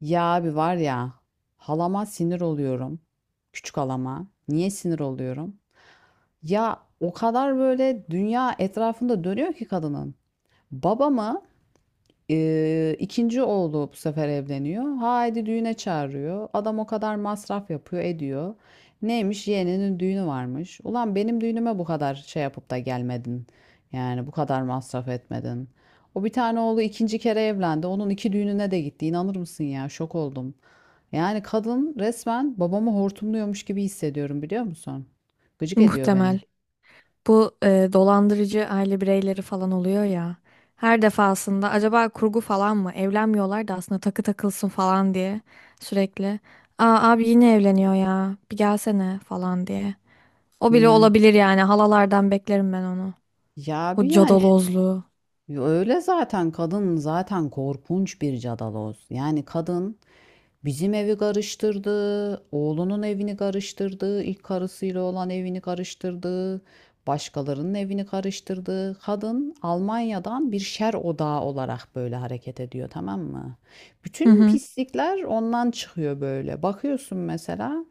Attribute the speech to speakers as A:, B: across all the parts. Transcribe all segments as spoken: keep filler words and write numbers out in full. A: Ya abi var ya, halama sinir oluyorum. Küçük halama. Niye sinir oluyorum? Ya o kadar böyle dünya etrafında dönüyor ki kadının. Babamı e, ikinci oğlu bu sefer evleniyor. Haydi düğüne çağırıyor. Adam o kadar masraf yapıyor ediyor. Neymiş, yeğeninin düğünü varmış. Ulan benim düğünüme bu kadar şey yapıp da gelmedin. Yani bu kadar masraf etmedin. O bir tane oğlu ikinci kere evlendi. Onun iki düğününe de gitti. İnanır mısın ya? Şok oldum. Yani kadın resmen babamı hortumluyormuş gibi hissediyorum, biliyor musun? Gıcık ediyor
B: Muhtemel.
A: beni.
B: Bu e, dolandırıcı aile bireyleri falan oluyor ya. Her defasında acaba kurgu falan mı? Evlenmiyorlar da aslında takı takılsın falan diye sürekli. Aa abi yine evleniyor ya. Bir gelsene falan diye. O bile
A: Yani.
B: olabilir yani. Halalardan beklerim ben onu.
A: Ya bir
B: O
A: yani,
B: cadalozluğu.
A: öyle zaten kadın, zaten korkunç bir cadaloz. Yani kadın bizim evi karıştırdı, oğlunun evini karıştırdı, ilk karısıyla olan evini karıştırdı, başkalarının evini karıştırdı. Kadın Almanya'dan bir şer odağı olarak böyle hareket ediyor, tamam mı?
B: Hı
A: Bütün
B: hı.
A: pislikler ondan çıkıyor böyle. Bakıyorsun mesela,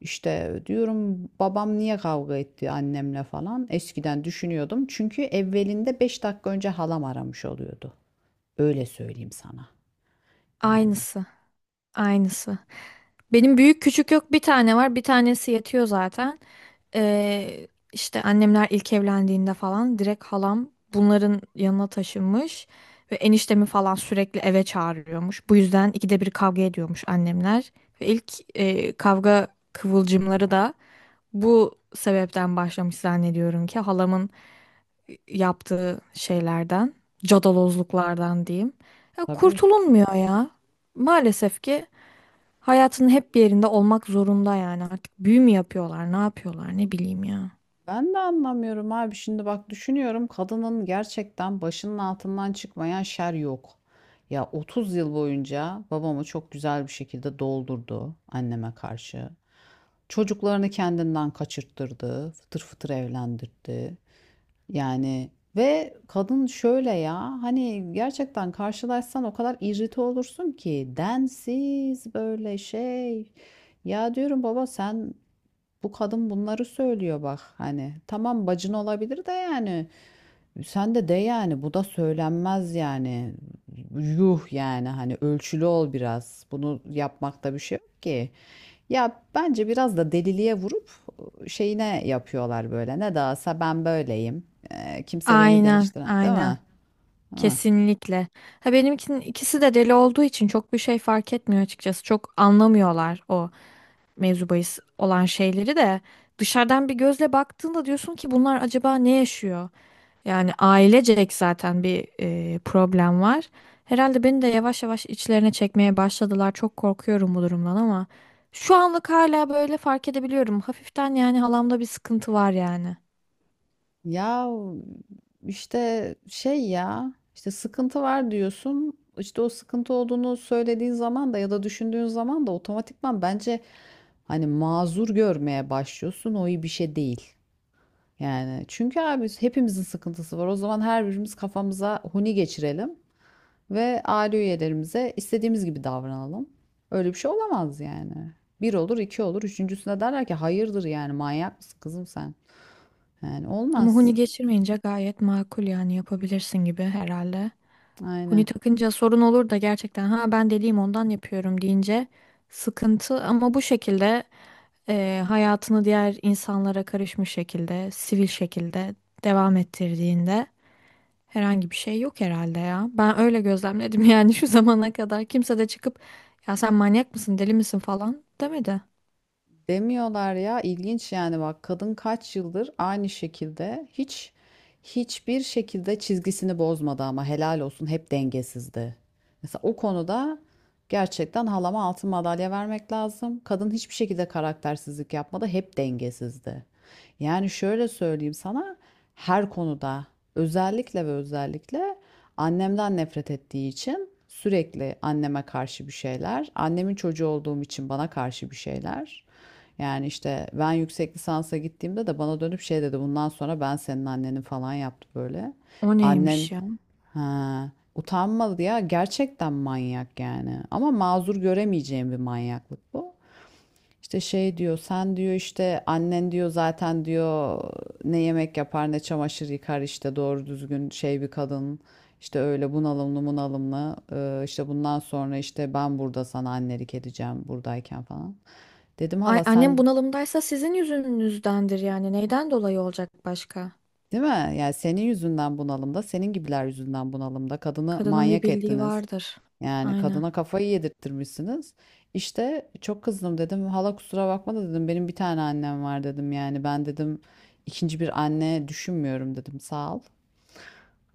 A: işte diyorum babam niye kavga etti annemle falan. Eskiden düşünüyordum. Çünkü evvelinde beş dakika önce halam aramış oluyordu. Öyle söyleyeyim sana. Yani.
B: Aynısı. Aynısı. Benim büyük küçük yok bir tane var. Bir tanesi yetiyor zaten. Ee, işte annemler ilk evlendiğinde falan direkt halam bunların yanına taşınmış. Ve eniştemi falan sürekli eve çağırıyormuş. Bu yüzden ikide bir kavga ediyormuş annemler. Ve ilk e, kavga kıvılcımları da bu sebepten başlamış zannediyorum ki halamın yaptığı şeylerden, cadalozluklardan diyeyim. Ya
A: Tabii.
B: kurtulunmuyor ya. Maalesef ki hayatın hep bir yerinde olmak zorunda yani artık büyü mü yapıyorlar, ne yapıyorlar ne bileyim ya.
A: Ben de anlamıyorum abi. Şimdi bak, düşünüyorum kadının gerçekten başının altından çıkmayan şer yok. Ya otuz yıl boyunca babamı çok güzel bir şekilde doldurdu anneme karşı. Çocuklarını kendinden kaçırttırdı, fıtır fıtır evlendirdi. Yani ve kadın şöyle, ya hani gerçekten karşılaşsan o kadar irrite olursun ki, densiz böyle şey. Ya diyorum, baba sen, bu kadın bunları söylüyor bak, hani tamam bacın olabilir de, yani sen de de yani, bu da söylenmez yani, yuh yani, hani ölçülü ol biraz, bunu yapmakta bir şey yok ki. Ya bence biraz da deliliğe vurup şeyine yapıyorlar böyle, ne dağılsa ben böyleyim. Ee, kimse beni
B: Aynen,
A: değiştiremez, değil
B: aynen.
A: mi? Değil mi?
B: Kesinlikle. Ha benimkinin ikisi de deli olduğu için çok bir şey fark etmiyor açıkçası. Çok anlamıyorlar o mevzu bahis olan şeyleri de. Dışarıdan bir gözle baktığında diyorsun ki bunlar acaba ne yaşıyor? Yani ailecek zaten bir e, problem var. Herhalde beni de yavaş yavaş içlerine çekmeye başladılar. Çok korkuyorum bu durumdan ama şu anlık hala böyle fark edebiliyorum. Hafiften yani halamda bir sıkıntı var yani.
A: Ya işte şey, ya işte sıkıntı var diyorsun. İşte o sıkıntı olduğunu söylediğin zaman da ya da düşündüğün zaman da otomatikman bence hani mazur görmeye başlıyorsun. O iyi bir şey değil. Yani çünkü abi, hepimizin sıkıntısı var. O zaman her birimiz kafamıza huni geçirelim ve aile üyelerimize istediğimiz gibi davranalım. Öyle bir şey olamaz yani. Bir olur, iki olur. Üçüncüsüne derler ki hayırdır, yani manyak mısın kızım sen? Yani
B: Ama
A: olmaz.
B: huni geçirmeyince gayet makul yani yapabilirsin gibi herhalde. Huni
A: Aynen.
B: takınca sorun olur da gerçekten ha ben deliyim ondan yapıyorum deyince sıkıntı ama bu şekilde e, hayatını diğer insanlara karışmış şekilde, sivil şekilde devam ettirdiğinde herhangi bir şey yok herhalde ya. Ben öyle gözlemledim yani şu zamana kadar kimse de çıkıp ya sen manyak mısın, deli misin falan demedi.
A: Demiyorlar ya, ilginç yani. Bak kadın kaç yıldır aynı şekilde hiç, hiçbir şekilde çizgisini bozmadı ama helal olsun, hep dengesizdi. Mesela o konuda gerçekten halama altın madalya vermek lazım. Kadın hiçbir şekilde karaktersizlik yapmadı, hep dengesizdi. Yani şöyle söyleyeyim sana, her konuda, özellikle ve özellikle annemden nefret ettiği için sürekli anneme karşı bir şeyler, annemin çocuğu olduğum için bana karşı bir şeyler. Yani işte ben yüksek lisansa gittiğimde de bana dönüp şey dedi, bundan sonra ben senin annenin falan yaptı böyle.
B: O
A: Annen,
B: neymiş ya?
A: ha, utanmadı ya, gerçekten manyak yani, ama mazur göremeyeceğim bir manyaklık bu. İşte şey diyor, sen diyor işte annen diyor zaten diyor, ne yemek yapar ne çamaşır yıkar, işte doğru düzgün şey bir kadın. İşte öyle bunalımlı bunalımlı, Ee, işte bundan sonra işte ben burada sana annelik edeceğim buradayken falan. Dedim,
B: Ay
A: hala
B: annem
A: sen.
B: bunalımdaysa sizin yüzünüzdendir yani. Neyden dolayı olacak başka?
A: Değil mi? Yani senin yüzünden bunalımda, senin gibiler yüzünden bunalımda. Kadını
B: Kadının bir
A: manyak
B: bildiği
A: ettiniz.
B: vardır.
A: Yani
B: Aynen.
A: kadına kafayı yedirttirmişsiniz. İşte çok kızdım, dedim hala kusura bakma da dedim, benim bir tane annem var dedim. Yani ben dedim, ikinci bir anne düşünmüyorum dedim. Sağ ol.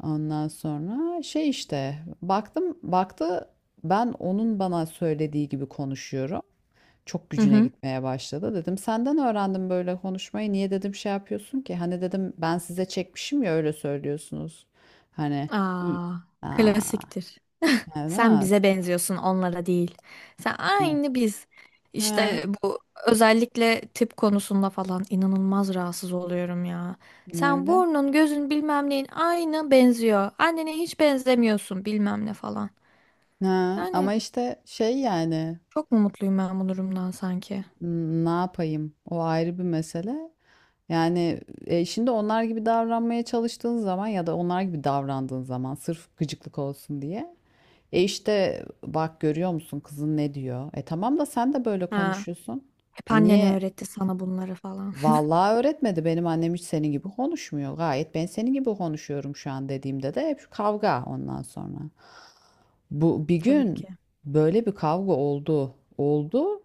A: Ondan sonra şey, işte baktım, baktı ben onun bana söylediği gibi konuşuyorum, çok
B: Hı
A: gücüne
B: hı.
A: gitmeye başladı. Dedim senden öğrendim böyle konuşmayı. Niye dedim şey yapıyorsun ki? Hani dedim, ben size çekmişim ya, öyle söylüyorsunuz. Hani iyi.
B: Aa,
A: Aa,
B: klasiktir.
A: yani
B: Sen
A: az.
B: bize benziyorsun, onlara değil. Sen
A: Ne?
B: aynı biz.
A: Ha,
B: İşte bu özellikle tip konusunda falan inanılmaz rahatsız oluyorum ya.
A: ne
B: Sen
A: bile?
B: burnun, gözün bilmem neyin aynı benziyor. Annene hiç benzemiyorsun bilmem ne falan.
A: Ha, ama
B: Yani
A: işte şey yani,
B: çok mu mutluyum ben bu durumdan sanki?
A: n- ne yapayım? O ayrı bir mesele. Yani e, şimdi onlar gibi davranmaya çalıştığın zaman ya da onlar gibi davrandığın zaman sırf gıcıklık olsun diye, e işte bak görüyor musun kızın ne diyor? E tamam da sen de böyle
B: Ha,
A: konuşuyorsun.
B: hep
A: E
B: annen
A: niye?
B: öğretti sana bunları falan.
A: Vallahi öğretmedi. Benim annem hiç senin gibi konuşmuyor. Gayet ben senin gibi konuşuyorum şu an dediğimde de hep kavga ondan sonra. Bu bir
B: Tabii
A: gün
B: ki.
A: böyle bir kavga oldu. Oldu.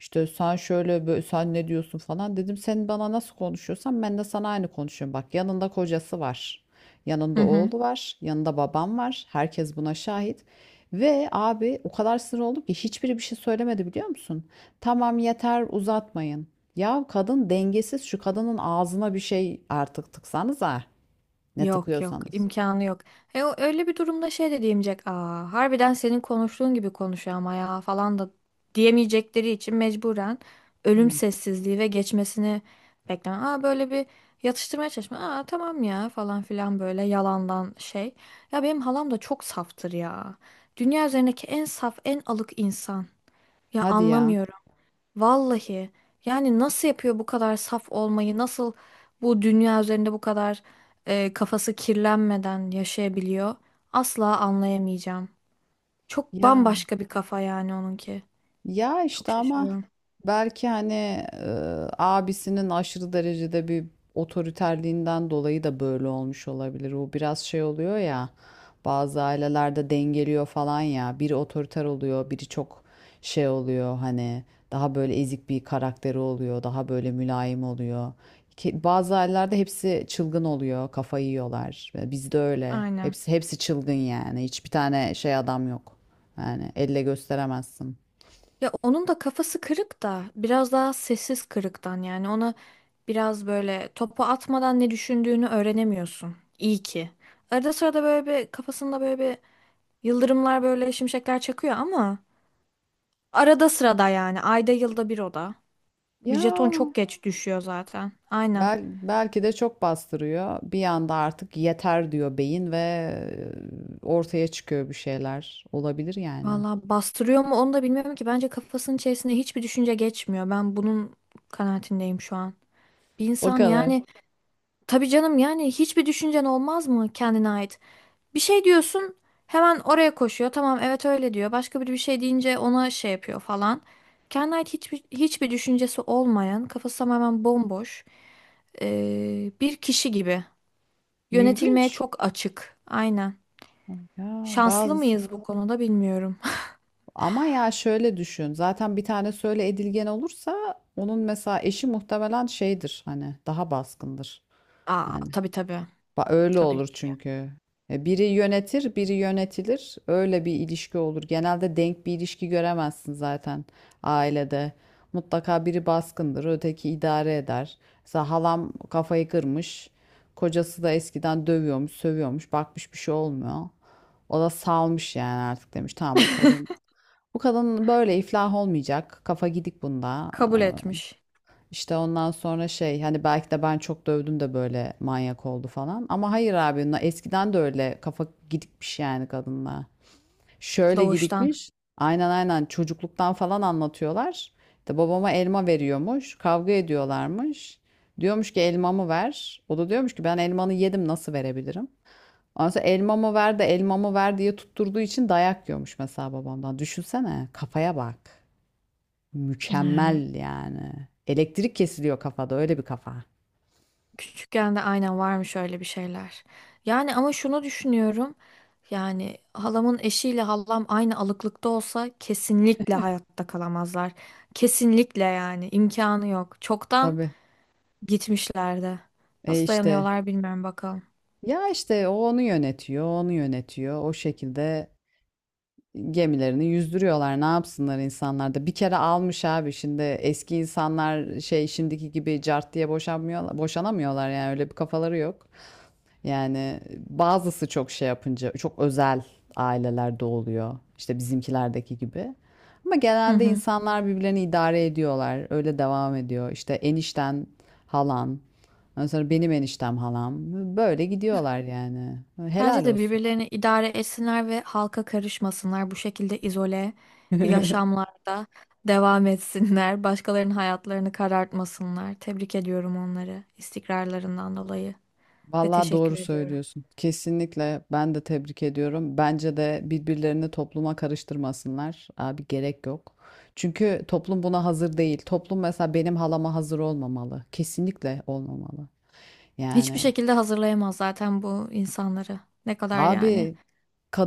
A: İşte sen şöyle böyle, sen ne diyorsun falan dedim. Sen bana nasıl konuşuyorsan ben de sana aynı konuşuyorum. Bak yanında kocası var.
B: Hı
A: Yanında
B: hı.
A: oğlu var. Yanında babam var. Herkes buna şahit. Ve abi o kadar sinir oldum ki hiçbiri bir şey söylemedi, biliyor musun? Tamam yeter, uzatmayın. Ya kadın dengesiz, şu kadının ağzına bir şey artık tıksanız, ha ne
B: Yok yok
A: tıkıyorsanız.
B: imkanı yok. E, o, öyle bir durumda şey de diyemeyecek. Aa, harbiden senin konuştuğun gibi konuşuyor ama ya falan da diyemeyecekleri için mecburen ölüm
A: Hmm.
B: sessizliği ve geçmesini bekleme. Aa böyle bir yatıştırmaya çalışma. Aa tamam ya falan filan böyle yalandan şey. Ya benim halam da çok saftır ya. Dünya üzerindeki en saf en alık insan. Ya
A: Hadi ya.
B: anlamıyorum. Vallahi yani nasıl yapıyor bu kadar saf olmayı? Nasıl bu dünya üzerinde bu kadar e, kafası kirlenmeden yaşayabiliyor? Asla anlayamayacağım. Çok
A: Ya
B: bambaşka bir kafa yani onunki.
A: Ya
B: Çok
A: işte ama
B: şaşırıyorum.
A: belki hani, e, abisinin aşırı derecede bir otoriterliğinden dolayı da böyle olmuş olabilir. O biraz şey oluyor ya, bazı ailelerde dengeliyor falan ya. Biri otoriter oluyor, biri çok şey oluyor, hani daha böyle ezik bir karakteri oluyor, daha böyle mülayim oluyor. Ki bazı ailelerde hepsi çılgın oluyor, kafayı yiyorlar. Bizde öyle.
B: Aynen.
A: Hepsi hepsi çılgın yani. Hiçbir tane şey adam yok. Yani elle gösteremezsin.
B: Ya onun da kafası kırık da biraz daha sessiz kırıktan yani ona biraz böyle topu atmadan ne düşündüğünü öğrenemiyorsun. İyi ki. Arada sırada böyle bir kafasında böyle bir yıldırımlar böyle şimşekler çakıyor ama arada sırada yani. Ayda yılda bir oda.
A: Ya
B: Jeton çok geç düşüyor zaten. Aynen.
A: bel, belki de çok bastırıyor. Bir anda artık yeter diyor beyin ve e, ortaya çıkıyor bir şeyler. Olabilir yani.
B: Valla bastırıyor mu onu da bilmiyorum ki. Bence kafasının içerisinde hiçbir düşünce geçmiyor. Ben bunun kanaatindeyim şu an. Bir
A: O
B: insan
A: kadar.
B: yani tabii canım yani hiçbir düşüncen olmaz mı kendine ait? Bir şey diyorsun hemen oraya koşuyor. Tamam evet öyle diyor. Başka biri bir şey deyince ona şey yapıyor falan. Kendine ait hiçbir, hiçbir düşüncesi olmayan, kafası tamamen bomboş, ee, bir kişi gibi. Yönetilmeye
A: İlginç.
B: çok açık. Aynen.
A: Ay Ya
B: Şanslı
A: bazı
B: mıyız bu konuda bilmiyorum.
A: ama ya şöyle düşün. Zaten bir tane söyle edilgen olursa onun mesela eşi muhtemelen şeydir, hani daha baskındır.
B: Aa,
A: Yani.
B: tabii tabii.
A: Ba- Öyle
B: Tabii
A: olur
B: ki.
A: çünkü. E, Biri yönetir, biri yönetilir. Öyle bir ilişki olur. Genelde denk bir ilişki göremezsin zaten ailede. Mutlaka biri baskındır, öteki idare eder. Mesela halam kafayı kırmış. Kocası da eskiden dövüyormuş, sövüyormuş. Bakmış bir şey olmuyor. O da salmış yani, artık demiş tamam bu kadın. Bu kadın böyle iflah olmayacak. Kafa gidik bunda.
B: Kabul etmiş
A: İşte ondan sonra şey, hani belki de ben çok dövdüm de böyle manyak oldu falan. Ama hayır abi, na- eskiden de öyle kafa gidikmiş yani kadınla. Şöyle
B: doğuştan.
A: gidikmiş. Aynen, aynen, çocukluktan falan anlatıyorlar. İşte babama elma veriyormuş. Kavga ediyorlarmış. Diyormuş ki elmamı ver. O da diyormuş ki ben elmanı yedim, nasıl verebilirim? Ondan sonra elmamı ver de elmamı ver diye tutturduğu için dayak yiyormuş mesela babamdan. Düşünsene kafaya bak.
B: Yani
A: Mükemmel yani. Elektrik kesiliyor kafada, öyle bir kafa.
B: küçükken de aynen varmış öyle bir şeyler. Yani ama şunu düşünüyorum. Yani halamın eşiyle halam aynı alıklıkta olsa kesinlikle hayatta kalamazlar. Kesinlikle yani imkanı yok. Çoktan
A: Tabii.
B: gitmişlerdi.
A: E
B: Nasıl
A: işte,
B: dayanıyorlar bilmiyorum bakalım.
A: ya işte o onu yönetiyor, onu yönetiyor. O şekilde gemilerini yüzdürüyorlar. Ne yapsınlar insanlar da. Bir kere almış abi, şimdi eski insanlar şey, şimdiki gibi cart diye boşanmıyorlar, boşanamıyorlar yani, öyle bir kafaları yok. Yani bazısı çok şey yapınca, çok özel ailelerde oluyor, İşte bizimkilerdeki gibi. Ama
B: Hı
A: genelde
B: hı.
A: insanlar birbirlerini idare ediyorlar. Öyle devam ediyor. İşte enişten halan. Ondan sonra benim eniştem halam. Böyle gidiyorlar yani.
B: Bence
A: Helal
B: de
A: olsun.
B: birbirlerini idare etsinler ve halka karışmasınlar. Bu şekilde izole yaşamlarda devam etsinler. Başkalarının hayatlarını karartmasınlar. Tebrik ediyorum onları istikrarlarından dolayı ve
A: Vallahi
B: teşekkür
A: doğru
B: ediyorum.
A: söylüyorsun. Kesinlikle ben de tebrik ediyorum. Bence de birbirlerini topluma karıştırmasınlar. Abi gerek yok. Çünkü toplum buna hazır değil. Toplum mesela benim halama hazır olmamalı. Kesinlikle olmamalı.
B: Hiçbir
A: Yani
B: şekilde hazırlayamaz zaten bu insanları. Ne kadar yani.
A: abi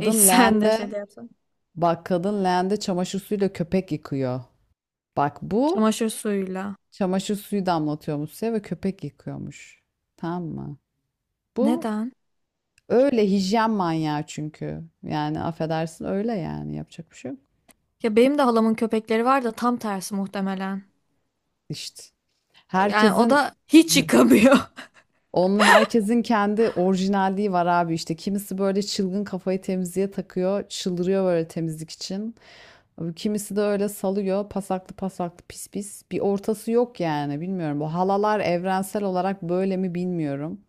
B: E, sen de şey
A: leğende,
B: de yapsan.
A: bak kadın leğende çamaşır suyuyla köpek yıkıyor. Bak bu
B: Çamaşır suyuyla.
A: çamaşır suyu damlatıyormuş size ve köpek yıkıyormuş. Tamam mı? Bu,
B: Neden?
A: öyle hijyen manyağı çünkü. Yani affedersin, öyle yani, yapacak bir şey yok.
B: Ya benim de halamın köpekleri var da tam tersi muhtemelen.
A: İşte
B: Yani o
A: herkesin,
B: da hiç yıkamıyor.
A: onunla herkesin kendi orijinalliği var abi işte. Kimisi böyle çılgın kafayı temizliğe takıyor, çıldırıyor böyle temizlik için. Kimisi de öyle salıyor, pasaklı pasaklı pis pis. Bir ortası yok yani, bilmiyorum. Bu halalar evrensel olarak böyle mi bilmiyorum.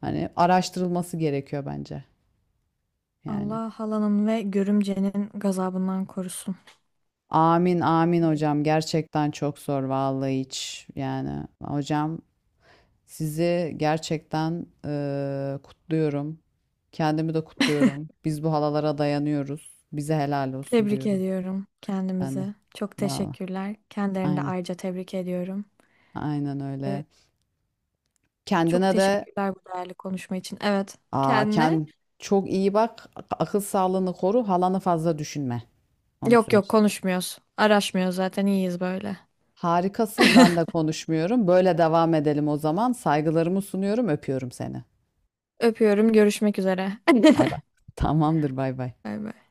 A: Hani araştırılması gerekiyor bence yani.
B: Allah halanın ve görümcenin gazabından korusun
A: Amin amin
B: diyelim.
A: hocam, gerçekten çok zor vallahi, hiç yani hocam sizi gerçekten eee, kutluyorum. Kendimi de kutluyorum. Biz bu halalara dayanıyoruz. Bize helal olsun
B: Tebrik
A: diyorum
B: ediyorum
A: ben de.
B: kendimizi. Çok
A: Vallahi,
B: teşekkürler. Kendilerini de
A: aynen.
B: ayrıca tebrik ediyorum.
A: Aynen
B: Ve
A: öyle.
B: çok
A: Kendine de
B: teşekkürler bu değerli konuşma için. Evet,
A: aa,
B: kendine.
A: kend, çok iyi bak. ak- Akıl sağlığını koru. Halanı fazla düşünme. Onu
B: Yok
A: söyleyeyim.
B: yok konuşmuyoruz. Araşmıyoruz zaten iyiyiz böyle.
A: Harikasın. Ben de konuşmuyorum. Böyle devam edelim o zaman. Saygılarımı sunuyorum. Öpüyorum seni.
B: Öpüyorum. Görüşmek üzere.
A: Bay bay. Tamamdır. Bay bay.
B: Bay bay.